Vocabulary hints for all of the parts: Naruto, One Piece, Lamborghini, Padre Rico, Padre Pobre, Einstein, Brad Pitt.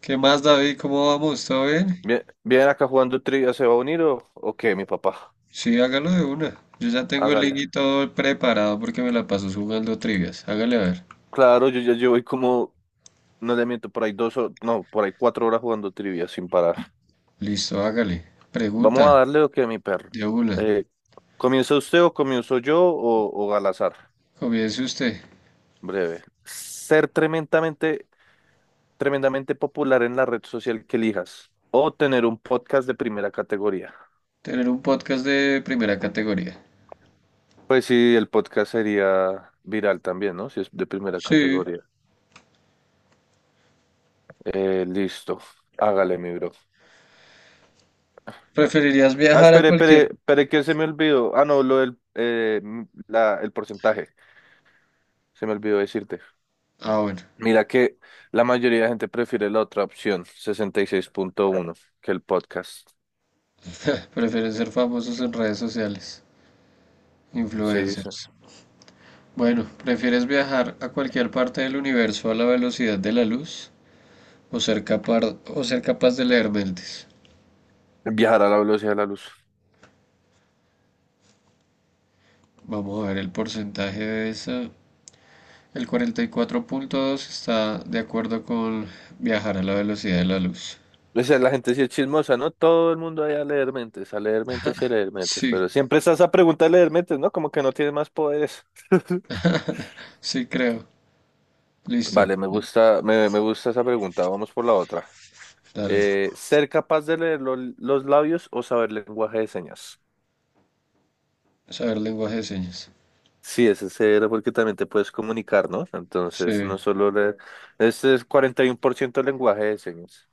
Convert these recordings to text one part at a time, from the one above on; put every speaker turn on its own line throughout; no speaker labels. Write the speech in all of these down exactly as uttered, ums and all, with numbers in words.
¿Qué más, David? ¿Cómo vamos? ¿Todo bien?
Bien, bien acá jugando trivia, ¿se va a unir o, o qué, mi papá?
Sí, hágalo de una. Yo ya tengo el link y
Hágale.
todo preparado porque me la paso jugando trivias. Hágale a ver.
Claro, yo ya llevo ahí como, no le miento, por ahí dos, o- no, por ahí cuatro horas jugando trivia sin parar.
Listo, hágale.
Vamos
Pregunta,
a darle o qué, mi perro.
de una.
Eh, ¿comienza usted o comienzo yo o, o al azar?
Comience usted.
Breve. Ser tremendamente, tremendamente popular en la red social que elijas o tener un podcast de primera categoría.
Tener un podcast de primera categoría.
Pues sí, el podcast sería viral también, ¿no? Si es de primera
Sí.
categoría. Eh, listo. Hágale, mi bro.
¿Preferirías
Ah,
viajar a
espere, espere,
cualquier?
espere, que se me olvidó. Ah, no, lo del eh, m- la, el porcentaje. Se me olvidó decirte.
Ah, bueno.
Mira que la mayoría de gente prefiere la otra opción, sesenta y seis punto uno, que el podcast.
Prefieren ser famosos en redes sociales.
Sí, sí.
Influencers. Bueno, ¿prefieres viajar a cualquier parte del universo a la velocidad de la luz? ¿O ser capaz, o ser capaz de leer mentes?
Viajar a la velocidad de la luz.
Vamos a ver el porcentaje de esa. El cuarenta y cuatro punto dos está de acuerdo con viajar a la velocidad de la luz.
O sea, la gente sí es chismosa, ¿no? Todo el mundo allá a leer mentes, a leer mentes y a leer mentes.
Sí,
Pero siempre está esa pregunta de leer mentes, ¿no? Como que no tiene más poderes.
sí creo. Listo.
Vale, me gusta, me, me gusta esa pregunta. Vamos por la otra.
Dale.
Eh, ser capaz de leer lo- los labios o saber lenguaje de señas.
Saber lenguaje de señas.
Sí, ese cero porque también te puedes comunicar, ¿no? Entonces,
Sí,
no solo leer. Este es cuarenta y uno por ciento lenguaje de señas.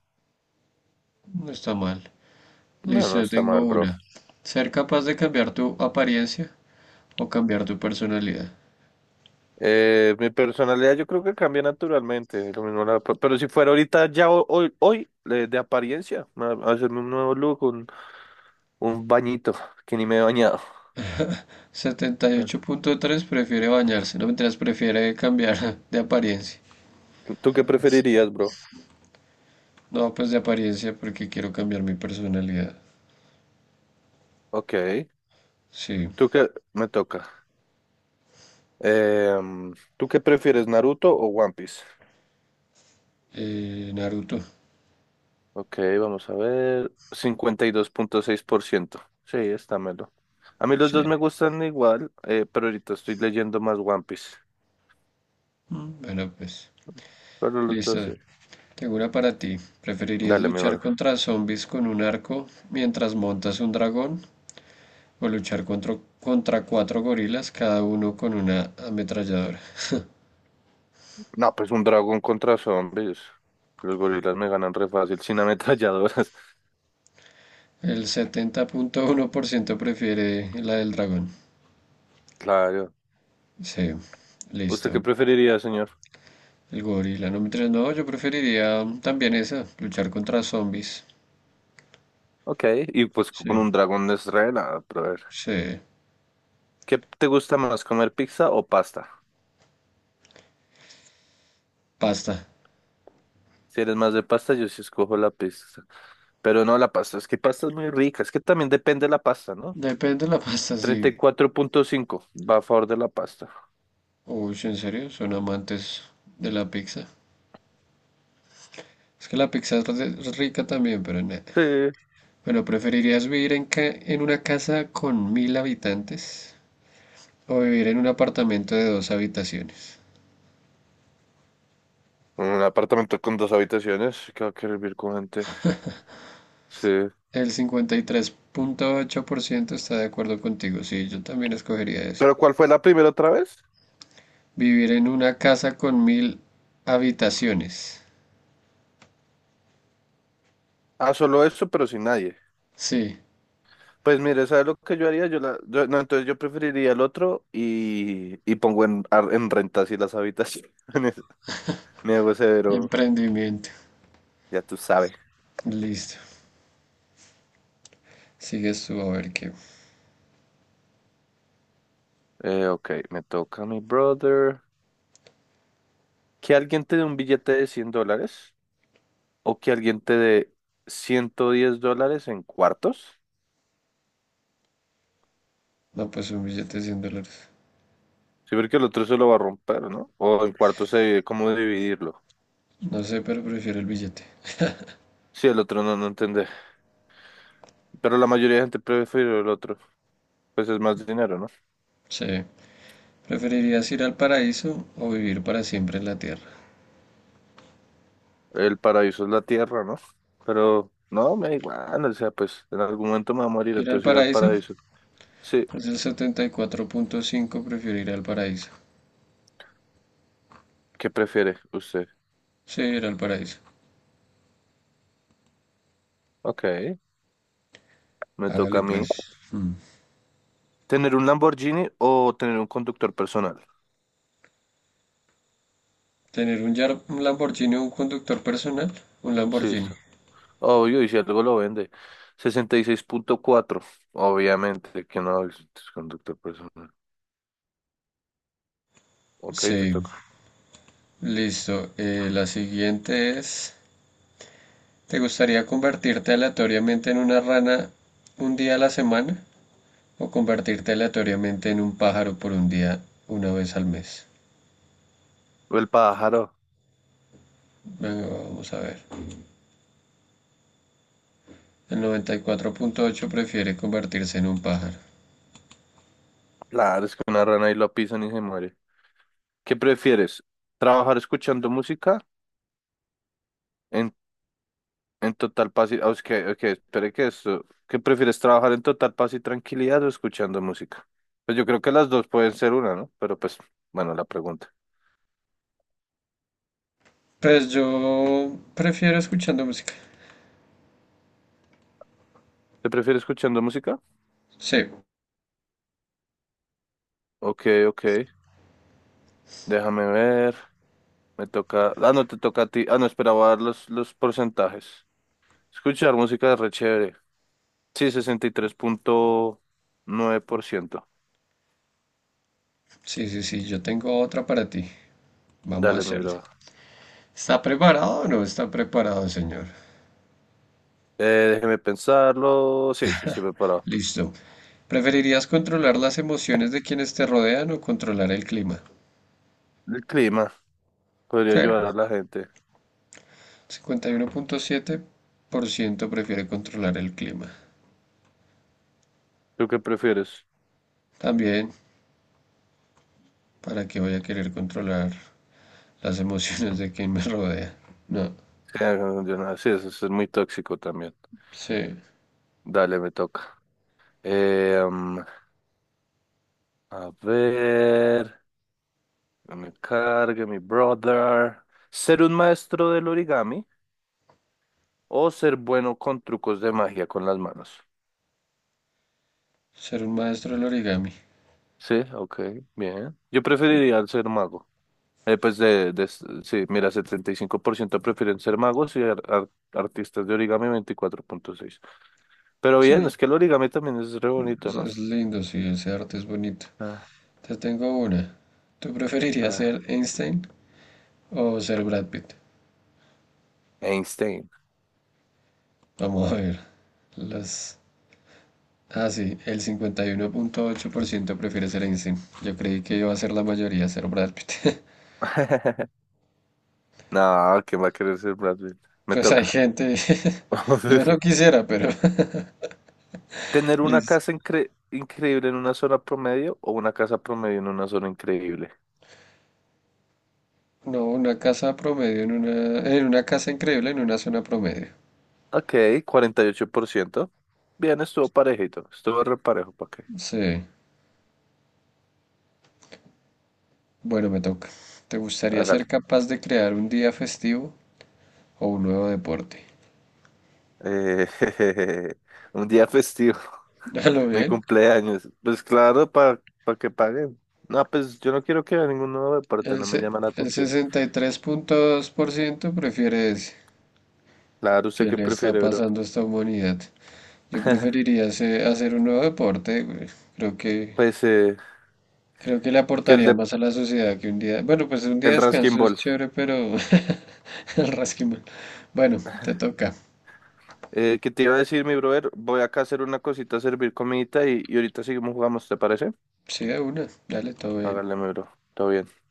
no está mal.
No,
Listo,
no
yo
está
tengo
mal, bro.
una. Ser capaz de cambiar tu apariencia o cambiar tu personalidad.
Eh, mi personalidad yo creo que cambia naturalmente. Lo mismo la- pero si fuera ahorita ya ho- hoy, hoy, eh, de apariencia, a- a hacerme un nuevo look, un, un bañito, que ni me he bañado. Ah,
setenta y ocho punto tres prefiere bañarse. No, mientras prefiere cambiar de apariencia.
¿tú qué preferirías, bro?
No, pues de apariencia porque quiero cambiar mi personalidad.
Ok.
Sí.
¿Tú qué me toca? Em, ¿tú qué prefieres, Naruto o One Piece?
Eh, Naruto.
Ok, vamos a ver. Cincuenta y dos punto seis por ciento. Sí, está melo. A mí los
Sí,
dos me gustan igual, eh, pero ahorita estoy leyendo más One Piece.
Mm. bueno, pues
Pero los
listo.
dos, sí.
Tengo una para ti. ¿Preferirías
Dale, mi
luchar
bro.
contra zombies con un arco mientras montas un dragón o luchar contra, contra cuatro gorilas, cada uno con una ametralladora?
No, pues un dragón contra zombies. Los gorilas me ganan re fácil, sin ametralladoras.
El setenta punto uno por ciento prefiere la del dragón.
Claro.
Sí,
¿Usted
listo.
qué preferiría, señor?
El gorila, no me interesa. No, yo preferiría también esa, luchar contra zombies.
Ok, y pues
Sí,
con un dragón es re nada, pero a ver.
sí.
¿Qué te gusta más, comer pizza o pasta?
Pasta.
Si eres más de pasta, yo sí escojo la pizza. Pero no la pasta, es que pasta es muy rica, es que también depende de la pasta, ¿no?
Depende de la pasta, sí.
Treinta y cuatro punto cinco va a favor de la pasta.
Uy, sí, ¿en serio? ¿Son amantes de la pizza? Es que la pizza es re- es rica también, pero nada.
Sí.
Bueno, ¿preferirías vivir en, ca- en una casa con mil habitantes o vivir en un apartamento de dos habitaciones?
Un apartamento con dos habitaciones, que va a querer vivir con gente. Sí.
El cincuenta y tres punto ocho por ciento está de acuerdo contigo, sí, yo también escogería eso.
¿Pero cuál fue la primera otra vez?
Vivir en una casa con mil habitaciones.
Ah, solo eso, pero sin nadie.
Sí,
Pues mire, ¿sabes lo que yo haría? Yo la, yo- no, entonces yo preferiría el otro y, y pongo en, ar- en renta así las habitaciones. Me hago severo,
emprendimiento.
ya tú sabes.
Listo. Sigues tú a ver qué.
Eh, ok, me toca mi brother. ¿Que alguien te dé un billete de cien dólares? O que alguien te dé ciento diez dólares en cuartos.
No, pues un billete de cien dólares.
Sí, porque el otro se lo va a romper, ¿no? O en cuartos se divide, ¿cómo dividirlo?
No sé, pero prefiero el billete.
Sí, el otro no, no entendé. Pero la mayoría de gente prefiere el otro. Pues es más dinero, ¿no?
Sí. ¿Preferirías ir al paraíso o vivir para siempre en la tierra?
El paraíso es la tierra, ¿no? Pero no, me da igual. O sea, pues en algún momento me va a morir,
¿Ir al
entonces ir al
paraíso?
paraíso. Sí,
Pues el setenta y cuatro punto cinco prefiere ir al paraíso.
¿qué prefiere usted?
Sí, ir al paraíso.
Ok, me toca
Hágale
a mí.
pues. Mm.
¿Tener un Lamborghini o tener un conductor personal?
¿Tener un, Yar- un Lamborghini o un conductor personal? Un
Sí,
Lamborghini.
obvio, y si algo lo vende. Sesenta y seis punto cuatro obviamente, que no es es conductor personal. Ok, te
Sí,
toca.
listo. Eh, la siguiente es, ¿te gustaría convertirte aleatoriamente en una rana un día a la semana o convertirte aleatoriamente en un pájaro por un día una vez al mes?
El pájaro.
Venga, vamos a ver. El noventa y cuatro punto ocho prefiere convertirse en un pájaro.
Claro, es que una rana y lo pisan y se muere. ¿Qué prefieres? ¿Trabajar escuchando música en, en total paz y, ah, es que- ok, espere que esto. ¿Qué prefieres? ¿Trabajar en total paz y tranquilidad o escuchando música? Pues yo creo que las dos pueden ser una, ¿no? Pero pues, bueno, la pregunta.
Pues yo prefiero escuchando música.
¿Te prefieres escuchando música?
Sí,
Ok, ok. Déjame ver. Me toca. Ah, no, te toca a ti. Ah, no, esperaba dar los, los porcentajes. Escuchar música es re chévere. Sí, sesenta y tres punto nueve por ciento.
sí, sí, sí, yo tengo otra para ti. Vamos a
Dale, mi
hacerle.
brother.
¿Está preparado o no está preparado, señor?
Eh, Déjeme pensarlo. Sí, sí, sí, preparado.
Listo. ¿Preferirías controlar las emociones de quienes te rodean o controlar el clima?
El clima podría
Sí,
ayudar a la gente.
cincuenta y uno punto siete por ciento prefiere controlar el clima.
¿Tú qué prefieres?
También, ¿para qué voy a querer controlar las emociones de quien me rodea? No,
Sí, ah, no, yo no- sí, eso es muy tóxico también.
sí.
Dale, me toca. Eh, mm, a ver. Que me cargue, mi brother. Ser un maestro del origami o ser bueno con trucos de magia con las manos.
Ser un maestro del origami.
Sí, ok, bien. Yo preferiría el ser mago. Eh, pues de, de- sí, mira, setenta y cinco por ciento prefieren ser magos y ar- ar- artistas de origami veinticuatro punto seis. Pero bien,
Sí,
es que el origami también es re bonito,
es,
¿no?
es lindo, sí, ese arte es bonito.
Ah,
Te tengo una. ¿Tú preferirías
ah.
ser Einstein o ser Brad Pitt?
Einstein.
Vamos a ver. Las... Ah, sí, el cincuenta y uno punto ocho por ciento prefiere ser Einstein. Yo creí que iba a ser la mayoría ser Brad Pitt.
No, ¿quién va a querer ser Brad Pitt? Me
Pues hay
toca.
gente... Yo no quisiera, pero...
Tener una
Listo.
casa incre- increíble en una zona promedio o una casa promedio en una zona increíble.
No, una casa promedio en una... En una casa increíble en una zona promedio.
Ok, cuarenta y ocho por ciento. Bien, estuvo parejito. Estuvo re parejo, ¿para qué?
Sí. Bueno, me toca. ¿Te gustaría ser
Hágale.
capaz de crear un día festivo o un nuevo deporte?
Eh, un día festivo,
A lo
mi
bien.
cumpleaños. Pues claro, para que paguen. No, pues yo no quiero que a ninguno deporte,
El,
no me
se-
llama la
el
atención.
sesenta y tres punto dos por ciento prefiere ese.
Claro, ¿usted
¿Qué
qué
le está
prefiere, bro?
pasando a esta humanidad? Yo preferiría hacer hacer un nuevo deporte, güey. Creo que,
Pues eh,
creo que le
que el
aportaría
de
más a la sociedad que un día. Bueno, pues un día
el
de
Raskin
descanso es
Ball.
chévere, pero el rasquimal. Bueno, te toca.
Eh, ¿qué te iba a decir, mi brother? Voy acá a hacer una cosita, a servir comidita y, y ahorita seguimos jugando, ¿te parece?
Sí, de una. Dale, todo bien.
Hágale, mi bro. Todo bien.